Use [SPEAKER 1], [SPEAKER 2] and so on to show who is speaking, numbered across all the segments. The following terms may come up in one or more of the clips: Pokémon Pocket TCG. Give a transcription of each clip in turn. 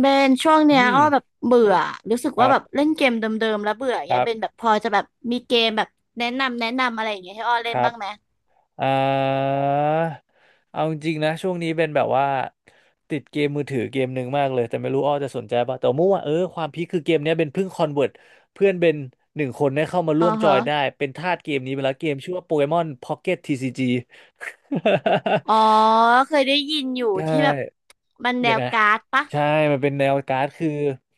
[SPEAKER 1] เบนช่วง
[SPEAKER 2] อื
[SPEAKER 1] เนี้ย
[SPEAKER 2] ม
[SPEAKER 1] อ้อแบบเบื่อรู้สึก
[SPEAKER 2] ค
[SPEAKER 1] ว่า
[SPEAKER 2] รั
[SPEAKER 1] แบบ
[SPEAKER 2] บ
[SPEAKER 1] เล่นเกมเดิมๆแล้วเบื่ออย่า
[SPEAKER 2] ค
[SPEAKER 1] งเงี้
[SPEAKER 2] รั
[SPEAKER 1] ยเบนแบ
[SPEAKER 2] บ
[SPEAKER 1] บพอจะแบบมีเกมแบบแนะนำอะไรอย่างเงี้ยให้อ้อ
[SPEAKER 2] ค
[SPEAKER 1] เล่น
[SPEAKER 2] รับ
[SPEAKER 1] บ้างไหม
[SPEAKER 2] อ่าเอาจริงๆนะช่วงนี้เป็นแบบว่าติดเกมมือถือเกมหนึ่งมากเลยแต่ไม่รู้อ้อจะสนใจป่ะแต่ว่าเมื่อวาความพีคคือเกมเนี้ยเป็นเพิ่งคอนเวิร์ตเพื่อนเป็นหนึ่งคนได้เข้ามา
[SPEAKER 1] อ๋
[SPEAKER 2] ร่
[SPEAKER 1] อ
[SPEAKER 2] วมจอ
[SPEAKER 1] ฮะ
[SPEAKER 2] ยได้เป็นทาสเกมนี้ไปแล้วเกมชื่อว่าโปเกมอนพ็อกเก็ตทีซีจี
[SPEAKER 1] อ๋อเคยได้ยินอยู่
[SPEAKER 2] ใช่
[SPEAKER 1] ที่แบบมันแน
[SPEAKER 2] ยัง
[SPEAKER 1] ว
[SPEAKER 2] ไง
[SPEAKER 1] การ์ดปะ
[SPEAKER 2] ใช่มันเป็นแนวการ์ดคือ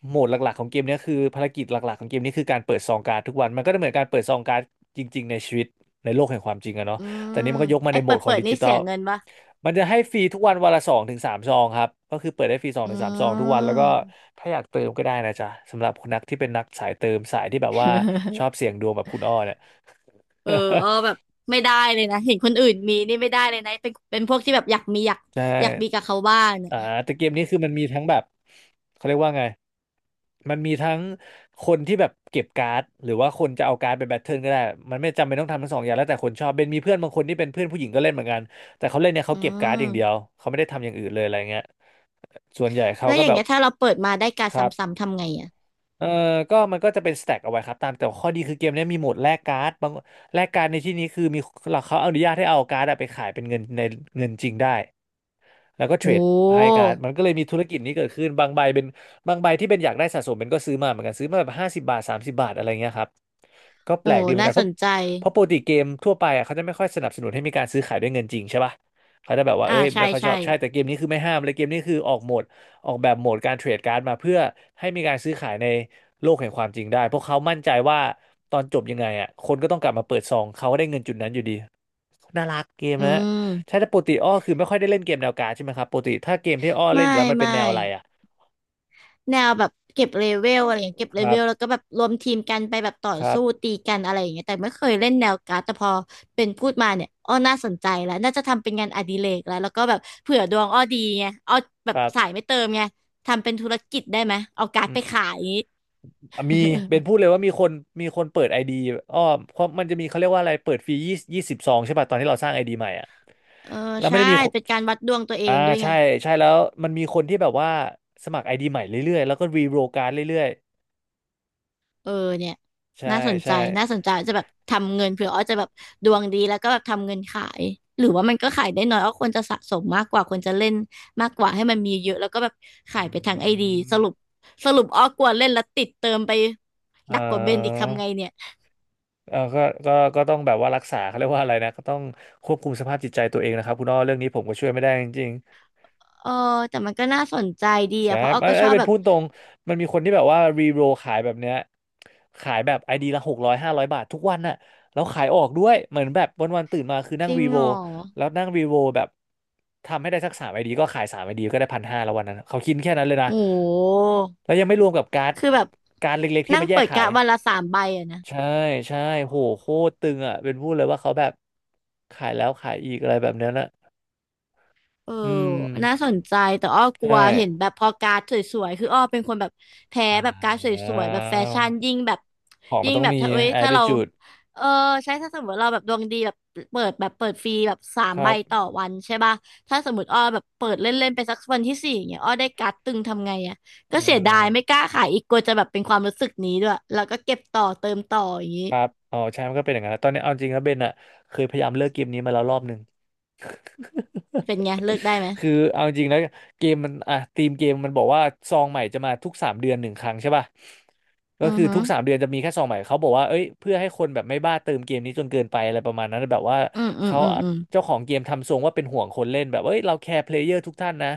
[SPEAKER 2] โหมดหลักๆของเกมเนี้ยคือภารกิจหลักๆของเกมนี้คือการเปิดซองการ์ดทุกวันมันก็เหมือนการเปิดซองการ์ดจริงๆในชีวิตในโลกแห่งความจริงอะเนาะ
[SPEAKER 1] อื
[SPEAKER 2] แต่
[SPEAKER 1] ม
[SPEAKER 2] นี้มันก็ยกมา
[SPEAKER 1] ไอ
[SPEAKER 2] ในโหม
[SPEAKER 1] เปิ
[SPEAKER 2] ด
[SPEAKER 1] ด
[SPEAKER 2] ขอ
[SPEAKER 1] เปิ
[SPEAKER 2] ง
[SPEAKER 1] ด
[SPEAKER 2] ดิ
[SPEAKER 1] นี่
[SPEAKER 2] จิทั
[SPEAKER 1] เสี
[SPEAKER 2] ล
[SPEAKER 1] ยเงินปะ
[SPEAKER 2] มันจะให้ฟรีทุกวันวันละสองถึงสามซองครับก็คือเปิดได้ฟรีสอง
[SPEAKER 1] อื
[SPEAKER 2] ถึงสามซองทุกวันแล้วก็
[SPEAKER 1] ม
[SPEAKER 2] ถ้าอยากเติมก็ได้นะจ๊ะสำหรับคนนักที่เป็นนักสายเติมสายที่แบบว่าชอบ เสี่ยงดวงแบบคุณอ้อเนี่ย
[SPEAKER 1] เออ อ้อแบบไม่ได้เลยนะเห็นคนอื่นมีนี่ไม่ได้เลยนะเป็นพวกที่แบบอยากมีอยาก
[SPEAKER 2] ใช่
[SPEAKER 1] อยากมีกับเขาบ้างเนี่ย
[SPEAKER 2] อ่าแต่เกมนี้คือมันมีทั้งแบบเขาเรียกว่าไงมันมีทั้งคนที่แบบเก็บการ์ดหรือว่าคนจะเอาการ์ดไปแบทเทิลก็ได้มันไม่จำเป็นต้องทำทั้งสองอย่างแล้วแต่คนชอบเป็นมีเพื่อนบางคนที่เป็นเพื่อนผู้หญิงก็เล่นเหมือนกันแต่เขาเล่นเนี่ยเขา
[SPEAKER 1] อื
[SPEAKER 2] เก็บการ์ดอย่า
[SPEAKER 1] ม
[SPEAKER 2] งเดียวเขาไม่ได้ทำอย่างอื่นเลยอะไรเงี้ยส่วนใหญ่เขา
[SPEAKER 1] แล้ว
[SPEAKER 2] ก็
[SPEAKER 1] อย่าง
[SPEAKER 2] แบบ
[SPEAKER 1] เงี้ยถ้าเราเปิดมาได้การด
[SPEAKER 2] ค
[SPEAKER 1] ซ
[SPEAKER 2] รับ
[SPEAKER 1] ้ำๆทำไงอ่ะ
[SPEAKER 2] เออมันก็จะเป็นสแต็กเอาไว้ครับตามแต่ข้อดีคือเกมเนี้ยมีโหมดแลกการ์ดบางแลกการ์ดในที่นี้คือมีเขาอนุญาตให้เอาการ์ดอะไปขายเป็นเงินในเงินจริงได้ แล้วก็เท
[SPEAKER 1] โ
[SPEAKER 2] รดไฮ
[SPEAKER 1] ห
[SPEAKER 2] การ์ดมันก็เลยมีธุรกิจนี้เกิดขึ้นบางใบเป็นบางใบที่เป็นอยากได้สะสมเป็นก็ซื้อมาเหมือนกันซื้อมาแบบห้าสิบบาทสามสิบบาทอะไรเงี้ยครับก็แป
[SPEAKER 1] โอ้
[SPEAKER 2] ลกดีเหมือน
[SPEAKER 1] น่า
[SPEAKER 2] กันเพ
[SPEAKER 1] ส
[SPEAKER 2] ราะ
[SPEAKER 1] นใจ
[SPEAKER 2] เพราะปกติเกมทั่วไปอ่ะเขาจะไม่ค่อยสนับสนุนให้มีการซื้อขายด้วยเงินจริงใช่ป่ะเขาจะแบบว่า
[SPEAKER 1] อ่า
[SPEAKER 2] เอ้ย
[SPEAKER 1] ใช่
[SPEAKER 2] ไม่ค่อยช
[SPEAKER 1] ใช่
[SPEAKER 2] อบใช่แต่เกมนี้คือไม่ห้ามเลยเกมนี้คือออกโหมดออกแบบโหมดการเทรดการ์ดมาเพื่อให้มีการซื้อขายในโลกแห่งความจริงได้เพราะเขามั่นใจว่าตอนจบยังไงอ่ะคนก็ต้องกลับมาเปิดซองเขาก็ได้เงินจุดนั้นอยู่ดีน่ารักเกม
[SPEAKER 1] อื
[SPEAKER 2] นะ
[SPEAKER 1] ม
[SPEAKER 2] ใช่แต่ปกติอ้อคือไม่ค่อยได้เล่นเกมแนวการ์ดใช่ไหมครับปกติถ้าเกมที่อ้อเล่นอ
[SPEAKER 1] ไม่
[SPEAKER 2] ยู่แล้วมันเป็น
[SPEAKER 1] ไม่
[SPEAKER 2] แนวอะไรอ่ะ
[SPEAKER 1] แนวแบบเก็บเลเวลอะไรอย่างเงี้ยเก็บ
[SPEAKER 2] ค
[SPEAKER 1] เล
[SPEAKER 2] รั
[SPEAKER 1] เวลแล้ว
[SPEAKER 2] บ
[SPEAKER 1] ก็แบบรวมทีมกันไปแบบต่อ
[SPEAKER 2] ครับ
[SPEAKER 1] สู้ตีกันอะไรอย่างเงี้ยแต่ไม่เคยเล่นแนวการ์ดแต่พอเป็นพูดมาเนี่ย อ้อ น่าสนใจแล้ว น่าจะทำเป็นงานอดิเรกแล้วก็แบบเผื่อดวงอ้อดีไงอ้อแบ
[SPEAKER 2] ค
[SPEAKER 1] บ
[SPEAKER 2] รั
[SPEAKER 1] สาย
[SPEAKER 2] บ
[SPEAKER 1] ไม่เติมไงทำเป็นธุรกิจได้ไหมเอาการ์ด
[SPEAKER 2] อื
[SPEAKER 1] ไป
[SPEAKER 2] ม
[SPEAKER 1] ขายอย่างงี้
[SPEAKER 2] อ่ะมี เป็นพูดเลยว่ามีคนมีคนเปิดไอดีอ้อเพราะมันจะมีเขาเรียกว่าอะไรเปิดฟรียี่สิบสองใช่ป่ะตอนที่เราสร้างไอดีใหม่อ่ะ
[SPEAKER 1] เออ
[SPEAKER 2] แล้วไม่
[SPEAKER 1] ใช่
[SPEAKER 2] ได้มีคน
[SPEAKER 1] เป็นการวัดดวงตัวเอ
[SPEAKER 2] อ่า
[SPEAKER 1] งด้วยไง
[SPEAKER 2] ใช่ใช่แล้วมันมีคนที่แบบว่าสมัครไอดีใหม่เรื่อยๆแล้วก็รีโรลการ์ดเรื่อย
[SPEAKER 1] เออเนี่ย
[SPEAKER 2] ๆใช่
[SPEAKER 1] น่าสนใจ
[SPEAKER 2] ใช่
[SPEAKER 1] น่าสนใจจะแบบทำเงินเผื่ออ้อจะแบบดวงดีแล้วก็แบบทำเงินขายหรือว่ามันก็ขายได้น้อยอ้อควรจะสะสมมากกว่าควรจะเล่นมากกว่าให้มันมีเยอะแล้วก็แบบ
[SPEAKER 2] อื
[SPEAKER 1] ขายไปทางไอดี
[SPEAKER 2] ม
[SPEAKER 1] สรุปสรุปอ้อกลัวเล่นแล้วติดเติมไป
[SPEAKER 2] เออ
[SPEAKER 1] หนักกว่าเบนอีกทำไงเนี่ย
[SPEAKER 2] เออก็ก็ต้องแบบว่ารักษาเขาเรียกว่าอะไรนะก็ต้องควบคุมสภาพจิตใจตัวเองนะครับคุณอ้อเรื่องนี้ผมก็ช่วยไม่ได้จริง
[SPEAKER 1] เออแต่มันก็น่าสนใจดี
[SPEAKER 2] ๆใช่
[SPEAKER 1] อะเพราะอ้อ
[SPEAKER 2] มัน
[SPEAKER 1] ก็
[SPEAKER 2] ไอ้
[SPEAKER 1] ช
[SPEAKER 2] ย
[SPEAKER 1] อบ
[SPEAKER 2] เป็น
[SPEAKER 1] แบบ
[SPEAKER 2] พูดตรงมันมีคนที่แบบว่ารีโรลขายแบบเนี้ยขายแบบไอดีละหกร้อยห้าร้อยบาททุกวันน่ะแล้วขายออกด้วยเหมือนแบบวันๆตื่นมาคือนั่
[SPEAKER 1] จ
[SPEAKER 2] ง
[SPEAKER 1] ริง
[SPEAKER 2] รีโร
[SPEAKER 1] เหร
[SPEAKER 2] ล
[SPEAKER 1] อ
[SPEAKER 2] แล้วนั่งรีโรลแบบทำให้ได้สักสามไอดีก็ขายสามไอดีก็ได้พันห้าแล้ววันนั้นเขาคิดแค่นั้นเลยนะ
[SPEAKER 1] โอ้โห
[SPEAKER 2] แล้วยังไม่รวมกับการ์ด
[SPEAKER 1] คือแบบ
[SPEAKER 2] การ์ดเล็กๆที่
[SPEAKER 1] นั่ง
[SPEAKER 2] มาแย
[SPEAKER 1] เปิ
[SPEAKER 2] ก
[SPEAKER 1] ด
[SPEAKER 2] ขา
[SPEAKER 1] กะ
[SPEAKER 2] ย
[SPEAKER 1] วันละสามใบอะนะ
[SPEAKER 2] ใช่ใช่โหโคตรตึงอ่ะเป็นพูดเลยว่าเขาแบบขายแล้วขายอีกอะไรแบบเนี้ยนะ
[SPEAKER 1] เออ
[SPEAKER 2] อื
[SPEAKER 1] น่า
[SPEAKER 2] ม
[SPEAKER 1] สนใจแต่อ้อกลั
[SPEAKER 2] ใช่
[SPEAKER 1] วเห็นแบบพอการ์ดสวยๆ คืออ้อเป็นคนแบบแพ้
[SPEAKER 2] อ่
[SPEAKER 1] แบบการ์ดสวยๆ แบบแฟ
[SPEAKER 2] า
[SPEAKER 1] ชั่นยิ่งแบบ
[SPEAKER 2] ของมัน
[SPEAKER 1] ยิ่ง
[SPEAKER 2] ต้อง
[SPEAKER 1] แบบ
[SPEAKER 2] มี
[SPEAKER 1] ถ้าเอ้ยถ้าเรา
[SPEAKER 2] attitude
[SPEAKER 1] เออใช่ถ้าสมมติเราแบบดวงดีแบบเปิดแบบเปิดฟรีแบบสาม
[SPEAKER 2] ค
[SPEAKER 1] ใบ
[SPEAKER 2] รับ
[SPEAKER 1] ต่อวันใช่ป่ะถ้าสมมติอ้อแบบเปิดเล่นๆไปสักวันที่สี่อย่างเงี้ยอ้อได้การ์ดตึงทำไงอ่ะก็
[SPEAKER 2] เอ
[SPEAKER 1] เสียดาย
[SPEAKER 2] อ
[SPEAKER 1] ไม่กล้าขายอีกกลัวจะแบบเป็นความรู้สึกนี้ด้วยแล้วก็เก็บต่อเติมต่ออย่างงี้
[SPEAKER 2] ครับอ๋อใช่มันก็เป็นอย่างนั้นตอนนี้เอาจริงนะเบนอะเคยพยายามเลิกเกมนี้มาแล้วรอบหนึ่ง
[SPEAKER 1] เป็นไงเลิกได้ไหม
[SPEAKER 2] คือเอาจริงนะเกมมันอ่ะทีมเกมมันบอกว่าซองใหม่จะมาทุกสามเดือนหนึ่งครั้งใช่ป่ะก็
[SPEAKER 1] อือ
[SPEAKER 2] คือ
[SPEAKER 1] ฮึ
[SPEAKER 2] ทุกสามเดือนจะมีแค่ซองใหม่เขาบอกว่าเอ้ยเพื่อให้คนแบบไม่บ้าเติมเกมนี้จนเกินไปอะไรประมาณนั้นแบบว่า
[SPEAKER 1] อืมอืม
[SPEAKER 2] เขา
[SPEAKER 1] อืมอืม
[SPEAKER 2] เจ้าของเกมทำทรงว่าเป็นห่วงคนเล่นแบบเอ้ยเราแคร์เพลเยอร์ทุกท่านนะ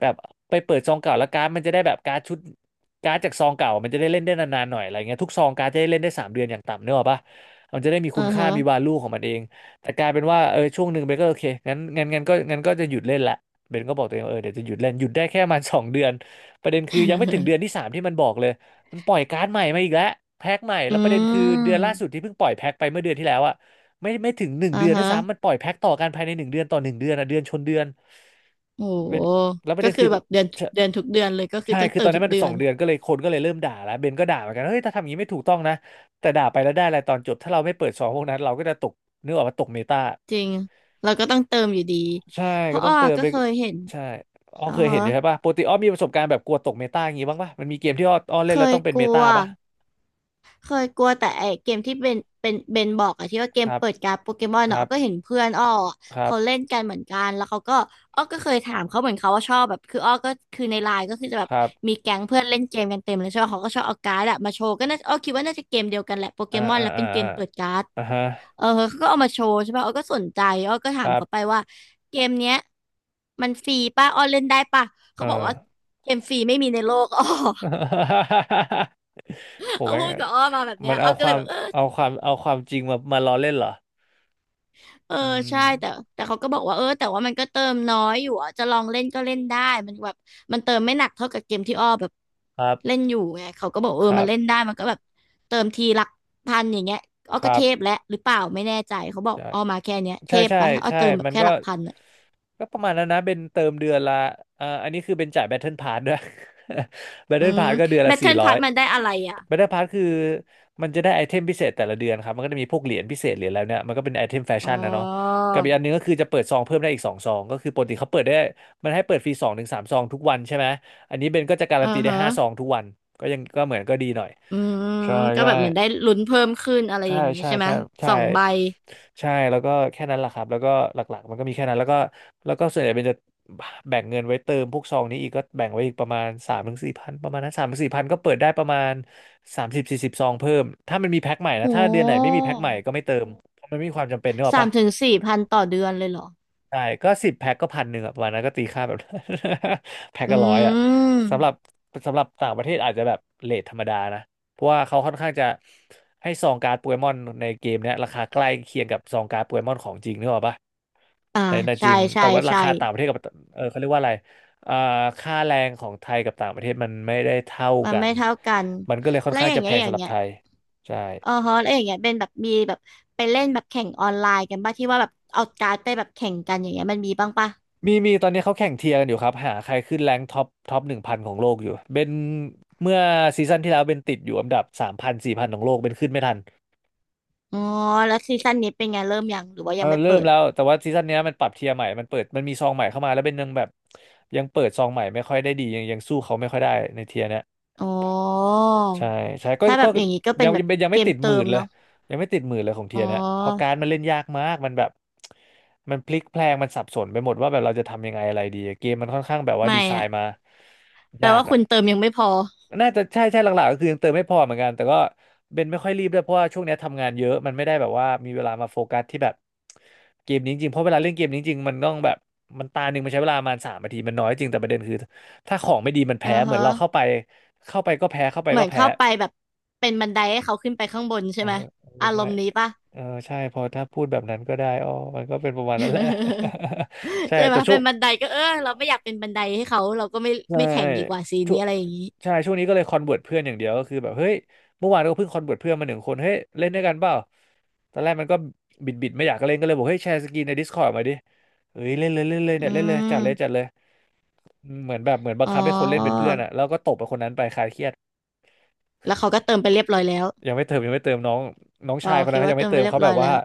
[SPEAKER 2] แบบไปเปิดซองเก่าแล้วการ์ดมันจะได้แบบการ์ดชุด การ์ดจากซองเก่ามันจะได้เล่นได้นานๆหน่อยอะไรเงี้ยทุกซองการ์ดจะได้เล่นได้3 เดือนอย่างต่ำเนกอะปะมันจะได้มี
[SPEAKER 1] อื
[SPEAKER 2] คุณ
[SPEAKER 1] อ
[SPEAKER 2] ค่า
[SPEAKER 1] ฮึ
[SPEAKER 2] มีวาลูของมันเองแต่กลายเป็นว่าเออช่วงหนึ่งเบนก็โอเคงั้นก็จะหยุดเล่นละเบนก็บอกตัวเองว่าเออเดี๋ยวจะหยุดเล่นหยุดได้แค่ประมาณสองเดือนประเด็นคือยังไม่ถึงเดือนที่สามที่มันบอกเลยมันปล่อยการ์ดใหม่มาอีกแล้วแพ็คใหม่
[SPEAKER 1] อื
[SPEAKER 2] แล้วประเด็นคือเดื
[SPEAKER 1] ม
[SPEAKER 2] อนล่าสุดที่เพิ่งปล่อยแพ็คไปเมื่อเดือนที่แล้วอะไม่ถึงหนึ่ง
[SPEAKER 1] อ่า
[SPEAKER 2] เดือนด้ว
[SPEAKER 1] ฮะ
[SPEAKER 2] ยซ้ำมันปล่อยแพ็คต่อกันภายใน1 เดือนต่อ 1 เดือนอะเดือนชนเดือน
[SPEAKER 1] โ
[SPEAKER 2] เป็น
[SPEAKER 1] ห
[SPEAKER 2] แล้วประ
[SPEAKER 1] ก็
[SPEAKER 2] เด็น
[SPEAKER 1] คือ
[SPEAKER 2] คือ
[SPEAKER 1] แบบเดือน
[SPEAKER 2] ใช่
[SPEAKER 1] เดือนทุกเดือนเลยก็คือต้อง
[SPEAKER 2] คือ
[SPEAKER 1] เติ
[SPEAKER 2] ตอน
[SPEAKER 1] ม
[SPEAKER 2] นั้
[SPEAKER 1] ทุ
[SPEAKER 2] น
[SPEAKER 1] ก
[SPEAKER 2] มัน
[SPEAKER 1] เดื
[SPEAKER 2] ส
[SPEAKER 1] อ
[SPEAKER 2] อ
[SPEAKER 1] น
[SPEAKER 2] งเดือนก็เลยคนก็เลยเริ่มด่าแล้วเบนก็ด่าเหมือนกันเฮ้ยถ้าทำอย่างนี้ไม่ถูกต้องนะแต่ด่าไปแล้วได้อะไรตอนจบถ้าเราไม่เปิดซองพวกนั้นเราก็จะตกนึกออกมาตกเมตา
[SPEAKER 1] จริงเราก็ต้องเติมอยู่ดี
[SPEAKER 2] ใช่
[SPEAKER 1] เพ
[SPEAKER 2] ก็
[SPEAKER 1] ราะ
[SPEAKER 2] ต้อ
[SPEAKER 1] อ้อ
[SPEAKER 2] งเติม
[SPEAKER 1] ก็
[SPEAKER 2] ไป
[SPEAKER 1] เคยเห็น
[SPEAKER 2] ใช่อ้อ
[SPEAKER 1] อ่า
[SPEAKER 2] เคย
[SPEAKER 1] ฮะ
[SPEAKER 2] เห็นอยู่ใช่ปะปกติอ้อมีประสบการณ์แบบกลัวตกเมตาอย่างงี้บ้างปะมันมีเกมที่อ้อเล่
[SPEAKER 1] เค
[SPEAKER 2] นแล้ว
[SPEAKER 1] ย
[SPEAKER 2] ต้องเป็น
[SPEAKER 1] ก
[SPEAKER 2] เม
[SPEAKER 1] ลั
[SPEAKER 2] ตา
[SPEAKER 1] ว
[SPEAKER 2] ปะ
[SPEAKER 1] เคยกลัวแต่ไอเกมที่เป็นเบนบอกอะที่ว่าเก
[SPEAKER 2] ค
[SPEAKER 1] ม
[SPEAKER 2] รับ
[SPEAKER 1] เปิดการ์ดโปเกมอน
[SPEAKER 2] ค
[SPEAKER 1] เนาะ
[SPEAKER 2] รั
[SPEAKER 1] อ้อก็เห็
[SPEAKER 2] บ
[SPEAKER 1] นเพื่อนอ้ออะ
[SPEAKER 2] ครับ
[SPEAKER 1] เขาเล่นกันเหมือนกันแล้วเขาก็อ้อก็เคยถามเขาเหมือนเขาว่าชอบแบบคืออ้อก็คือในไลน์ก็คือจะแบบ
[SPEAKER 2] ครับ
[SPEAKER 1] มีแก๊งเพื่อนเล่นเกมกันเต็มเลยใช่ไหมเขาก็ชอบเอาการ์ดอะมาโชว์ก็น่าอ้อคิดว่าน่าจะเกมเดียวกันแหละโปเก
[SPEAKER 2] อ่า
[SPEAKER 1] มอน
[SPEAKER 2] อ่า
[SPEAKER 1] แล้ว
[SPEAKER 2] อ่า
[SPEAKER 1] เป็นเก
[SPEAKER 2] อ่า
[SPEAKER 1] มเปิดการ์ด
[SPEAKER 2] อ่าฮะ
[SPEAKER 1] เออเขาก็เอามาโชว์ใช่ป่ะอ้อก็สนใจอ้อก็ถา
[SPEAKER 2] ค
[SPEAKER 1] ม
[SPEAKER 2] รั
[SPEAKER 1] เขาไป
[SPEAKER 2] บ
[SPEAKER 1] ว่าเกมเนี้ยมันฟรีป่ะอ้อเล่นได้ป่ะ
[SPEAKER 2] เอ
[SPEAKER 1] เขาบอกว่า
[SPEAKER 2] อ
[SPEAKER 1] เกมฟรีไม่มีในโลก อ้อ
[SPEAKER 2] โห
[SPEAKER 1] เขา
[SPEAKER 2] แม่ง
[SPEAKER 1] พูดกับอ้อมาแบบเนี้
[SPEAKER 2] มั
[SPEAKER 1] ย
[SPEAKER 2] น
[SPEAKER 1] อ้
[SPEAKER 2] เอา
[SPEAKER 1] อก็
[SPEAKER 2] ค
[SPEAKER 1] เล
[SPEAKER 2] วา
[SPEAKER 1] ย
[SPEAKER 2] ม
[SPEAKER 1] แบบเออ
[SPEAKER 2] เอาความเอาความจริงมาล้อเล่นเหรอ
[SPEAKER 1] เออ
[SPEAKER 2] อืม
[SPEAKER 1] ใช่แต่เขาก็บอกว่าเออแต่ว่ามันก็เติมน้อยอยู่อ่ะจะลองเล่นก็เล่นได้มันแบบมันเติมไม่หนักเท่ากับเกมที่อ้อแบบ
[SPEAKER 2] ครั
[SPEAKER 1] เล่
[SPEAKER 2] บ
[SPEAKER 1] นอยู่ไงเขาก็บอก
[SPEAKER 2] ค
[SPEAKER 1] เออ
[SPEAKER 2] รั
[SPEAKER 1] มา
[SPEAKER 2] บ
[SPEAKER 1] เล่นได้มันก็แบบเติมทีหลักพันอย่างเงี้ยอ้อ
[SPEAKER 2] ค
[SPEAKER 1] ก็
[SPEAKER 2] รั
[SPEAKER 1] เทพ
[SPEAKER 2] บ
[SPEAKER 1] แล้วหรือเปล่าไม่แน่ใจเขาบอก
[SPEAKER 2] ใช่
[SPEAKER 1] อ้อมาแค่เนี้ยเท
[SPEAKER 2] ใช่
[SPEAKER 1] พ
[SPEAKER 2] ใช่
[SPEAKER 1] ไปอ้อ
[SPEAKER 2] ใช่
[SPEAKER 1] เติมแบบ
[SPEAKER 2] มัน
[SPEAKER 1] แค่
[SPEAKER 2] ก็
[SPEAKER 1] หลักพันอะ
[SPEAKER 2] ก็ประมาณนั้นนะเป็นเติมเดือนละอ่าอันนี้คือเป็นจ่ายแบ t เทิลพาสด้วย แบ t
[SPEAKER 1] อื
[SPEAKER 2] เทิล
[SPEAKER 1] ม
[SPEAKER 2] พาสก็เดือน
[SPEAKER 1] แบ
[SPEAKER 2] ละ
[SPEAKER 1] ท
[SPEAKER 2] สี่
[SPEAKER 1] เทิล
[SPEAKER 2] ร้อ
[SPEAKER 1] พา
[SPEAKER 2] ย
[SPEAKER 1] สมันได้อะไรอ่ะ
[SPEAKER 2] บัตเตอร์พาสคือมันจะได้ไอเทมพิเศษแต่ละเดือนครับมันก็จะมีพวกเหรียญพิเศษเหรียญแล้วเนี่ยมันก็เป็นไอเทมแฟ
[SPEAKER 1] อ๋อ
[SPEAKER 2] ชั่นนะเนาะกับอีกอันหนึงก็คือจะเปิดซองเพิ่มได้อีก2 ซองก็คือปกติเขาเปิดได้มันให้เปิดฟรี2-3 ซองทุกวันใช่ไหมอันนี้เบนก็จะการั
[SPEAKER 1] อ่า
[SPEAKER 2] นตีได้
[SPEAKER 1] ฮะ
[SPEAKER 2] 5 ซองทุกวันก็ยังก็เหมือนก็ดีหน่อย
[SPEAKER 1] อืม
[SPEAKER 2] ใช่
[SPEAKER 1] ก็
[SPEAKER 2] ใช่
[SPEAKER 1] แบบเหมือนได้ลุ้นเพิ่มขึ้นอะไร
[SPEAKER 2] ใช่
[SPEAKER 1] อย่างนี้
[SPEAKER 2] ใช่
[SPEAKER 1] ใช่ไหม
[SPEAKER 2] ใช่
[SPEAKER 1] ส
[SPEAKER 2] ใช่
[SPEAKER 1] องใบ
[SPEAKER 2] ใช่แล้วก็แค่นั้นแหละครับแล้วก็หลักๆมันก็มีแค่นั้นแล้วก็ส่วนใหญ่เป็นจะแบ่งเงินไว้เติมพวกซองนี้อีกก็แบ่งไว้อีกประมาณสามถึงสี่พันประมาณนั้นสามถึงสี่พันก็เปิดได้ประมาณ30-40 ซองเพิ่มถ้ามันมีแพ็คใหม่นะ
[SPEAKER 1] โอ้
[SPEAKER 2] ถ้าเดือนไหนไม่มีแพ็คใหม่ก็ไม่เติมเพราะมันไม่มีความจำเป็นเนึกออ
[SPEAKER 1] สาม
[SPEAKER 2] ปะ
[SPEAKER 1] ถึงสี่พันต่อเดือนเลยเหรอ
[SPEAKER 2] ใช่ก็10 แพ็คก็1,100อะประมาณนั้นก็ตีค่าแบบ แพ็ค
[SPEAKER 1] อื
[SPEAKER 2] ก็ร้อยอะสำหรับ
[SPEAKER 1] ม
[SPEAKER 2] สำหรับต่างประเทศอาจจะแบบเรทธรรมดานะเพราะว่าเขาค่อนข้างจะให้ซองการ์ดโปเกมอนในเกมเนี้ยราคาใกล้เคียงกับซองการ์ดโปเกมอนของจริงนึกออกปะ
[SPEAKER 1] อ่า
[SPEAKER 2] ในจ
[SPEAKER 1] ใช่
[SPEAKER 2] ริง
[SPEAKER 1] ใช่
[SPEAKER 2] แต่ว่ารา
[SPEAKER 1] ใช่
[SPEAKER 2] คาต่างประเทศกับเออเขาเรียกว่าอะไรอ่าค่าแรงของไทยกับต่างประเทศมันไม่ได้เท่า
[SPEAKER 1] มัน
[SPEAKER 2] กั
[SPEAKER 1] ไม่
[SPEAKER 2] น
[SPEAKER 1] เท่ากัน
[SPEAKER 2] มันก็เลยค่อน
[SPEAKER 1] แล้ว
[SPEAKER 2] ข้าง
[SPEAKER 1] อย่า
[SPEAKER 2] จะ
[SPEAKER 1] ง
[SPEAKER 2] แพ
[SPEAKER 1] เงี้ย
[SPEAKER 2] ง
[SPEAKER 1] อย่า
[SPEAKER 2] สำ
[SPEAKER 1] ง
[SPEAKER 2] หรับ
[SPEAKER 1] เงี้ย
[SPEAKER 2] ไทยใช่
[SPEAKER 1] อ๋อฮะแล้วอย่างเงี้ยเป็นแบบมีแบบไปเล่นแบบแข่งออนไลน์กันป่ะที่ว่าแบบเอาการ์ดไปแบบแข่งกันอย่างเงี้ยมันมีบ้างป่ะ
[SPEAKER 2] มีตอนนี้เขาแข่งเทียร์กันอยู่ครับหาใครขึ้นแรงท็อป1,000ของโลกอยู่เป็นเมื่อซีซั่นที่แล้วเป็นติดอยู่อันดับ3,000-4,000ของโลกเป็นขึ้นไม่ทัน
[SPEAKER 1] อ๋อแล้วซีซั่นนี้เป็นไงเริ่มยังหรือว่า
[SPEAKER 2] เอ
[SPEAKER 1] ยั
[SPEAKER 2] อ
[SPEAKER 1] งไม่
[SPEAKER 2] เริ่
[SPEAKER 1] เปิ
[SPEAKER 2] ม
[SPEAKER 1] ด
[SPEAKER 2] แล้วแต่ว่าซีซั่นเนี้ยมันปรับเทียร์ใหม่มันเปิดมันมีซองใหม่เข้ามาแล้วเป็นยังแบบยังเปิดซองใหม่ไม่ค่อยได้ดียังสู้เขาไม่ค่อยได้ในเทียร์เนี้ย
[SPEAKER 1] อ๋อ
[SPEAKER 2] ใช่ใช่ก็
[SPEAKER 1] ถ้าแบ
[SPEAKER 2] ก็
[SPEAKER 1] บอย่างนี้ก็เป็
[SPEAKER 2] ยั
[SPEAKER 1] น
[SPEAKER 2] ง
[SPEAKER 1] แบ
[SPEAKER 2] ยั
[SPEAKER 1] บ
[SPEAKER 2] งเป็นยัง
[SPEAKER 1] เก
[SPEAKER 2] ไม่
[SPEAKER 1] ม
[SPEAKER 2] ติดห
[SPEAKER 1] เติ
[SPEAKER 2] มื่น
[SPEAKER 1] ม
[SPEAKER 2] เลย
[SPEAKER 1] เนาะ
[SPEAKER 2] ยังไม่ติดหมื่นเลยของเที
[SPEAKER 1] อ๋
[SPEAKER 2] ยนะเพราะกา
[SPEAKER 1] อ
[SPEAKER 2] รดมันเล่นยากมากมันแบบมันพลิกแพลงมันสับสนไปหมดว่าแบบเราจะทำยังไงอะไรดีเกมมันค่อนข้างแบบว่าดี
[SPEAKER 1] ไม่
[SPEAKER 2] ไซ
[SPEAKER 1] อะ
[SPEAKER 2] น์มา
[SPEAKER 1] แปล
[SPEAKER 2] ยาก
[SPEAKER 1] ว่าคุ
[SPEAKER 2] อ่ะ
[SPEAKER 1] ณเติมยังไม่พอ
[SPEAKER 2] น่าจะใช่ใช่หลักๆก็คือยังเติมไม่พอเหมือนกันแต่ก็เบนไม่ค่อยรีบด้วยเพราะว่าช่วงเนี้ยทำงานเยอะมันไม่ได้แบบว่ามีเวลามาโฟกัสที่แบบเกมนี้จริงๆเพราะเวลาเล่นเกมนี้จริงมันต้องแบบมันตาหนึ่งมันใช้เวลาประมาณ3 นาทีมันน้อยจริงแต่ประเด็นคือถ้าของไม่ดีมัน
[SPEAKER 1] อ่า
[SPEAKER 2] แพ้เหมือ
[SPEAKER 1] ฮะ
[SPEAKER 2] นเราเข้าไปเข้าไปก็แพ้เข้าไป
[SPEAKER 1] เหมื
[SPEAKER 2] ก็
[SPEAKER 1] อน
[SPEAKER 2] แพ้
[SPEAKER 1] เข้าไปแบบเป็นบันไดให้เขาขึ้นไปข้างบนใช่
[SPEAKER 2] เออ
[SPEAKER 1] ไหม
[SPEAKER 2] เออ
[SPEAKER 1] อาร
[SPEAKER 2] ด้ว
[SPEAKER 1] ม
[SPEAKER 2] ย
[SPEAKER 1] ณ์นี้ปะ
[SPEAKER 2] เออใช่พอถ้าพูดแบบนั้นก็ได้อ๋อมันก็เป็นประมาณนั้นแหละ ใช่
[SPEAKER 1] ใช่ไหม
[SPEAKER 2] แต่
[SPEAKER 1] เป็นบันไดก็เออเราไม่อยากเป็นบันไดให้เขาเราก็ไม่
[SPEAKER 2] ใช่
[SPEAKER 1] ไม่แข่งดีกว่าซี
[SPEAKER 2] ช่ว
[SPEAKER 1] นี้
[SPEAKER 2] ง
[SPEAKER 1] อะไรอย่างนี้
[SPEAKER 2] ช่วงนี้ก็เลยคอนเวิร์ตเพื่อนอย่างเดียวก็คือแบบเฮ้ย เมื่อวานก็เพิ่งคอนเวิร์ตเพื่อนมาหนึ่งคนเฮ้ย เล่นด้วยกันเปล่าตอนแรกมันก็บิดไม่อยากเล่นก็เลยบอกเฮ้ยแชร์สกรีนใน Discord มาดิเฮ้ยเล่นเลยเล่นเลย
[SPEAKER 1] อื
[SPEAKER 2] เนี่ยเล่นเลยจัดเลยจัด
[SPEAKER 1] ม
[SPEAKER 2] เลยเหมือนแบบเหมือนบัง
[SPEAKER 1] อ๋อ
[SPEAKER 2] คับให้คนเล่นเป็นเพื่อนอะแล้วก็ตบไปคนนั้นไปคลายเครียด
[SPEAKER 1] แล้วเขาก็เติมไปเรียบร้อยแล้ว
[SPEAKER 2] ยังไม่เติมยังไม่เติมน้องน้อง
[SPEAKER 1] อ๋อ
[SPEAKER 2] ชายคน
[SPEAKER 1] คิ
[SPEAKER 2] นั้น
[SPEAKER 1] ด
[SPEAKER 2] เขา
[SPEAKER 1] ว่า
[SPEAKER 2] ยัง
[SPEAKER 1] เติ
[SPEAKER 2] ไม่
[SPEAKER 1] มไป
[SPEAKER 2] เติม
[SPEAKER 1] เรียบ
[SPEAKER 2] เขาแบ
[SPEAKER 1] ร้อ
[SPEAKER 2] บ
[SPEAKER 1] ย
[SPEAKER 2] ว่า
[SPEAKER 1] แล้ว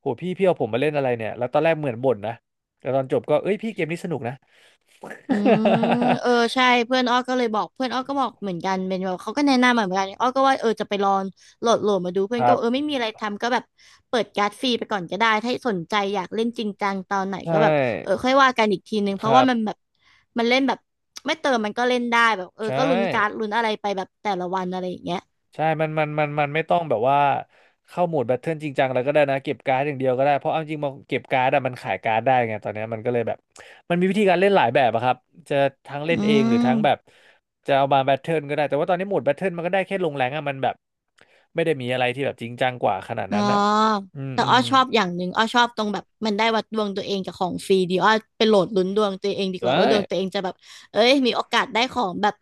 [SPEAKER 2] โหพี่พี่เอาผมมาเล่นอะไรเนี่ยแล้วตอนแรกเหมือนบ่นนะแต่ตอนจบก็เอ้ยพี่เกมนี้สนุกนะ
[SPEAKER 1] อืมเออใช่เพื่อนอ้อก็เลยบอกเพื่อนอ้อก็บอกเหมือนกันเป็นแบบเขาก็แนะนำมาเหมือนกันอ้อก็ว่าเออจะไปลองโหลดมาดูเพื่อ
[SPEAKER 2] ค
[SPEAKER 1] นก็
[SPEAKER 2] รั
[SPEAKER 1] บอกเออ
[SPEAKER 2] บ
[SPEAKER 1] ไม่มีอะไรทำก็แบบเปิดการ์ดฟรีไปก่อนก็ได้ถ้าสนใจอยากเล่นจริงจังตอนไหน
[SPEAKER 2] ใช่
[SPEAKER 1] ก็แบบเออค่อยว่ากันอีกทีนึงเพ
[SPEAKER 2] ค
[SPEAKER 1] ราะ
[SPEAKER 2] รั
[SPEAKER 1] ว่ามันแบ
[SPEAKER 2] บ
[SPEAKER 1] บมันเล่นแบบไม่เติมมันก็เล่นได้แบบเออ
[SPEAKER 2] ใช่
[SPEAKER 1] ก็ลุ้นการ์ดลุ้นอะไรไปแบบแต่ละวันอะไรอย่างเงี้ย
[SPEAKER 2] ใช่มันไม่ต้องแบบว่าเข้าโหมดแบทเทิลจริงจังอะไรก็ได้นะเก็บการ์ดอย่างเดียวก็ได้เพราะเอาจริงมาเก็บการ์ดอะมันขายการ์ดได้ไงตอนเนี้ยมันก็เลยแบบมันมีวิธีการเล่นหลายแบบอะครับจะทั้งเล่
[SPEAKER 1] อื
[SPEAKER 2] นเองหรือทั้งแบบ
[SPEAKER 1] ม
[SPEAKER 2] จะเอามาแบทเทิลก็ได้แต่ว่าตอนนี้โหมดแบทเทิลมันก็ได้แค่ลงแรงอะมันแบบไม่ได้มีอะไรที่แบบจริงจังกว่าขนาด
[SPEAKER 1] อ๋อ
[SPEAKER 2] นั้นอะอืม
[SPEAKER 1] แต่
[SPEAKER 2] อื
[SPEAKER 1] อ้อ
[SPEAKER 2] ม
[SPEAKER 1] ชอบอย่างหนึ่งอ้อชอบตรงแบบมันได้วัดดวงตัวเองกับของฟรีดีอ้อไปโหลดลุ้นดวงตัวเองดีก
[SPEAKER 2] ได้
[SPEAKER 1] ว่าว่าดวงตัวเองจะแบบเอ้ยมีโอกาสได้ของแบบ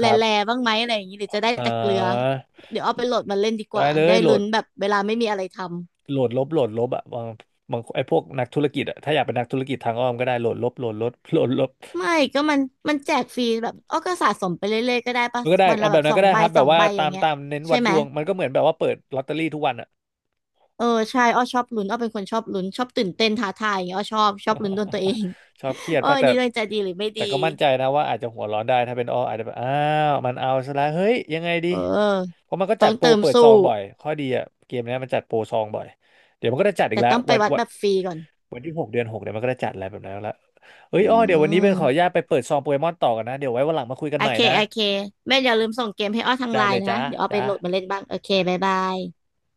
[SPEAKER 2] ค
[SPEAKER 1] ร
[SPEAKER 2] รั
[SPEAKER 1] ่
[SPEAKER 2] บ
[SPEAKER 1] ๆบ้างไหมอะไรอย่างนี้หรือจะได้
[SPEAKER 2] เอ่
[SPEAKER 1] แต่เกลือ
[SPEAKER 2] อ
[SPEAKER 1] เดี๋ยวอ้อไปโหลดมาเล่นดีก
[SPEAKER 2] ได้
[SPEAKER 1] ว่า
[SPEAKER 2] เล
[SPEAKER 1] ได้
[SPEAKER 2] ยโหล
[SPEAKER 1] ลุ้
[SPEAKER 2] ด
[SPEAKER 1] นแบบเวลาไม่มีอะไรทำ
[SPEAKER 2] โหลดลบโหลดลบอะบางบางไอ้พวกนักธุรกิจอะถ้าอยากเป็นนักธุรกิจทางอ้อมก็ได้โหลดลบโหลดลบโหลดลบ
[SPEAKER 1] ไม่ก็มันมันแจกฟรีแบบอ้อก็สะสมไปเรื่อยๆก็ได้ปะ
[SPEAKER 2] มันก็ได้
[SPEAKER 1] วัน
[SPEAKER 2] อ่ะ
[SPEAKER 1] ละ
[SPEAKER 2] แบ
[SPEAKER 1] แบ
[SPEAKER 2] บ
[SPEAKER 1] บ
[SPEAKER 2] นั้
[SPEAKER 1] ส
[SPEAKER 2] น
[SPEAKER 1] อ
[SPEAKER 2] ก็
[SPEAKER 1] ง
[SPEAKER 2] ได้
[SPEAKER 1] ใบ
[SPEAKER 2] ครับ แบ
[SPEAKER 1] สอ
[SPEAKER 2] บ
[SPEAKER 1] ง
[SPEAKER 2] ว่า
[SPEAKER 1] ใบอ
[SPEAKER 2] ตา
[SPEAKER 1] ย่าง
[SPEAKER 2] ม
[SPEAKER 1] เงี้ย
[SPEAKER 2] ตามเน้น
[SPEAKER 1] ใช่
[SPEAKER 2] วัด
[SPEAKER 1] ไห
[SPEAKER 2] ด
[SPEAKER 1] ม
[SPEAKER 2] วง มันก็เหมือนแบบว่าเปิดลอตเตอรี่ทุกวันอะ
[SPEAKER 1] เออใช่อ้อชอบลุ้นอ้อเป็นคนชอบลุ้นชอบตื่นเต้นท้าทายอย่างเงี้ยอ้อชอบลุ้นดวงตัวเอง
[SPEAKER 2] ชอบเครีย ด
[SPEAKER 1] โอ้
[SPEAKER 2] ป่ะ
[SPEAKER 1] ย
[SPEAKER 2] แต่
[SPEAKER 1] นี่ดวงใจดีหรือไม่
[SPEAKER 2] แต่
[SPEAKER 1] ดี
[SPEAKER 2] ก็มั่นใจนะว่าอาจจะหัวร้อนได้ ถ้าเป็นอ้ออาจจะแบบอ้าวมันเอาซะแล้วเฮ้ย ยังไงดี
[SPEAKER 1] เออ
[SPEAKER 2] เพราะมันก็
[SPEAKER 1] ต้
[SPEAKER 2] จั
[SPEAKER 1] อ
[SPEAKER 2] ด
[SPEAKER 1] ง
[SPEAKER 2] โปร
[SPEAKER 1] เติม
[SPEAKER 2] เปิด
[SPEAKER 1] สู้
[SPEAKER 2] ซองบ่อยข้อดีอะเกมเนี้ยมันจัดโปรซองบ่อย เดี๋ยวมันก็จะจัดอีก
[SPEAKER 1] แต่
[SPEAKER 2] แล้ว
[SPEAKER 1] ต้องไป
[SPEAKER 2] วัน
[SPEAKER 1] วัด
[SPEAKER 2] วัน
[SPEAKER 1] แบบฟรีก่อน
[SPEAKER 2] วันที่หกเดือนหกเดี๋ยวมันก็จะจัดอะไรแบบนั้นแล้วเอ้ย
[SPEAKER 1] อื
[SPEAKER 2] อ้อเดี๋ยววันนี้เป็นขออนุ
[SPEAKER 1] ม
[SPEAKER 2] ญาตไปเปิดซองโปเกมอนต่อกันนะเดี๋ยวไว้วันหลังมาคุยกั
[SPEAKER 1] โอ
[SPEAKER 2] นใหม่
[SPEAKER 1] เค
[SPEAKER 2] นะ
[SPEAKER 1] โอเคแม่อย่าลืมส่งเกมให้อ้อทาง
[SPEAKER 2] ได้
[SPEAKER 1] ไล
[SPEAKER 2] เล
[SPEAKER 1] น์
[SPEAKER 2] ย
[SPEAKER 1] นะ
[SPEAKER 2] จ้า
[SPEAKER 1] เดี๋ยวอ้อไป
[SPEAKER 2] จ้า
[SPEAKER 1] โหลดมาเล่นบ้างโอเคบ๊ายบาย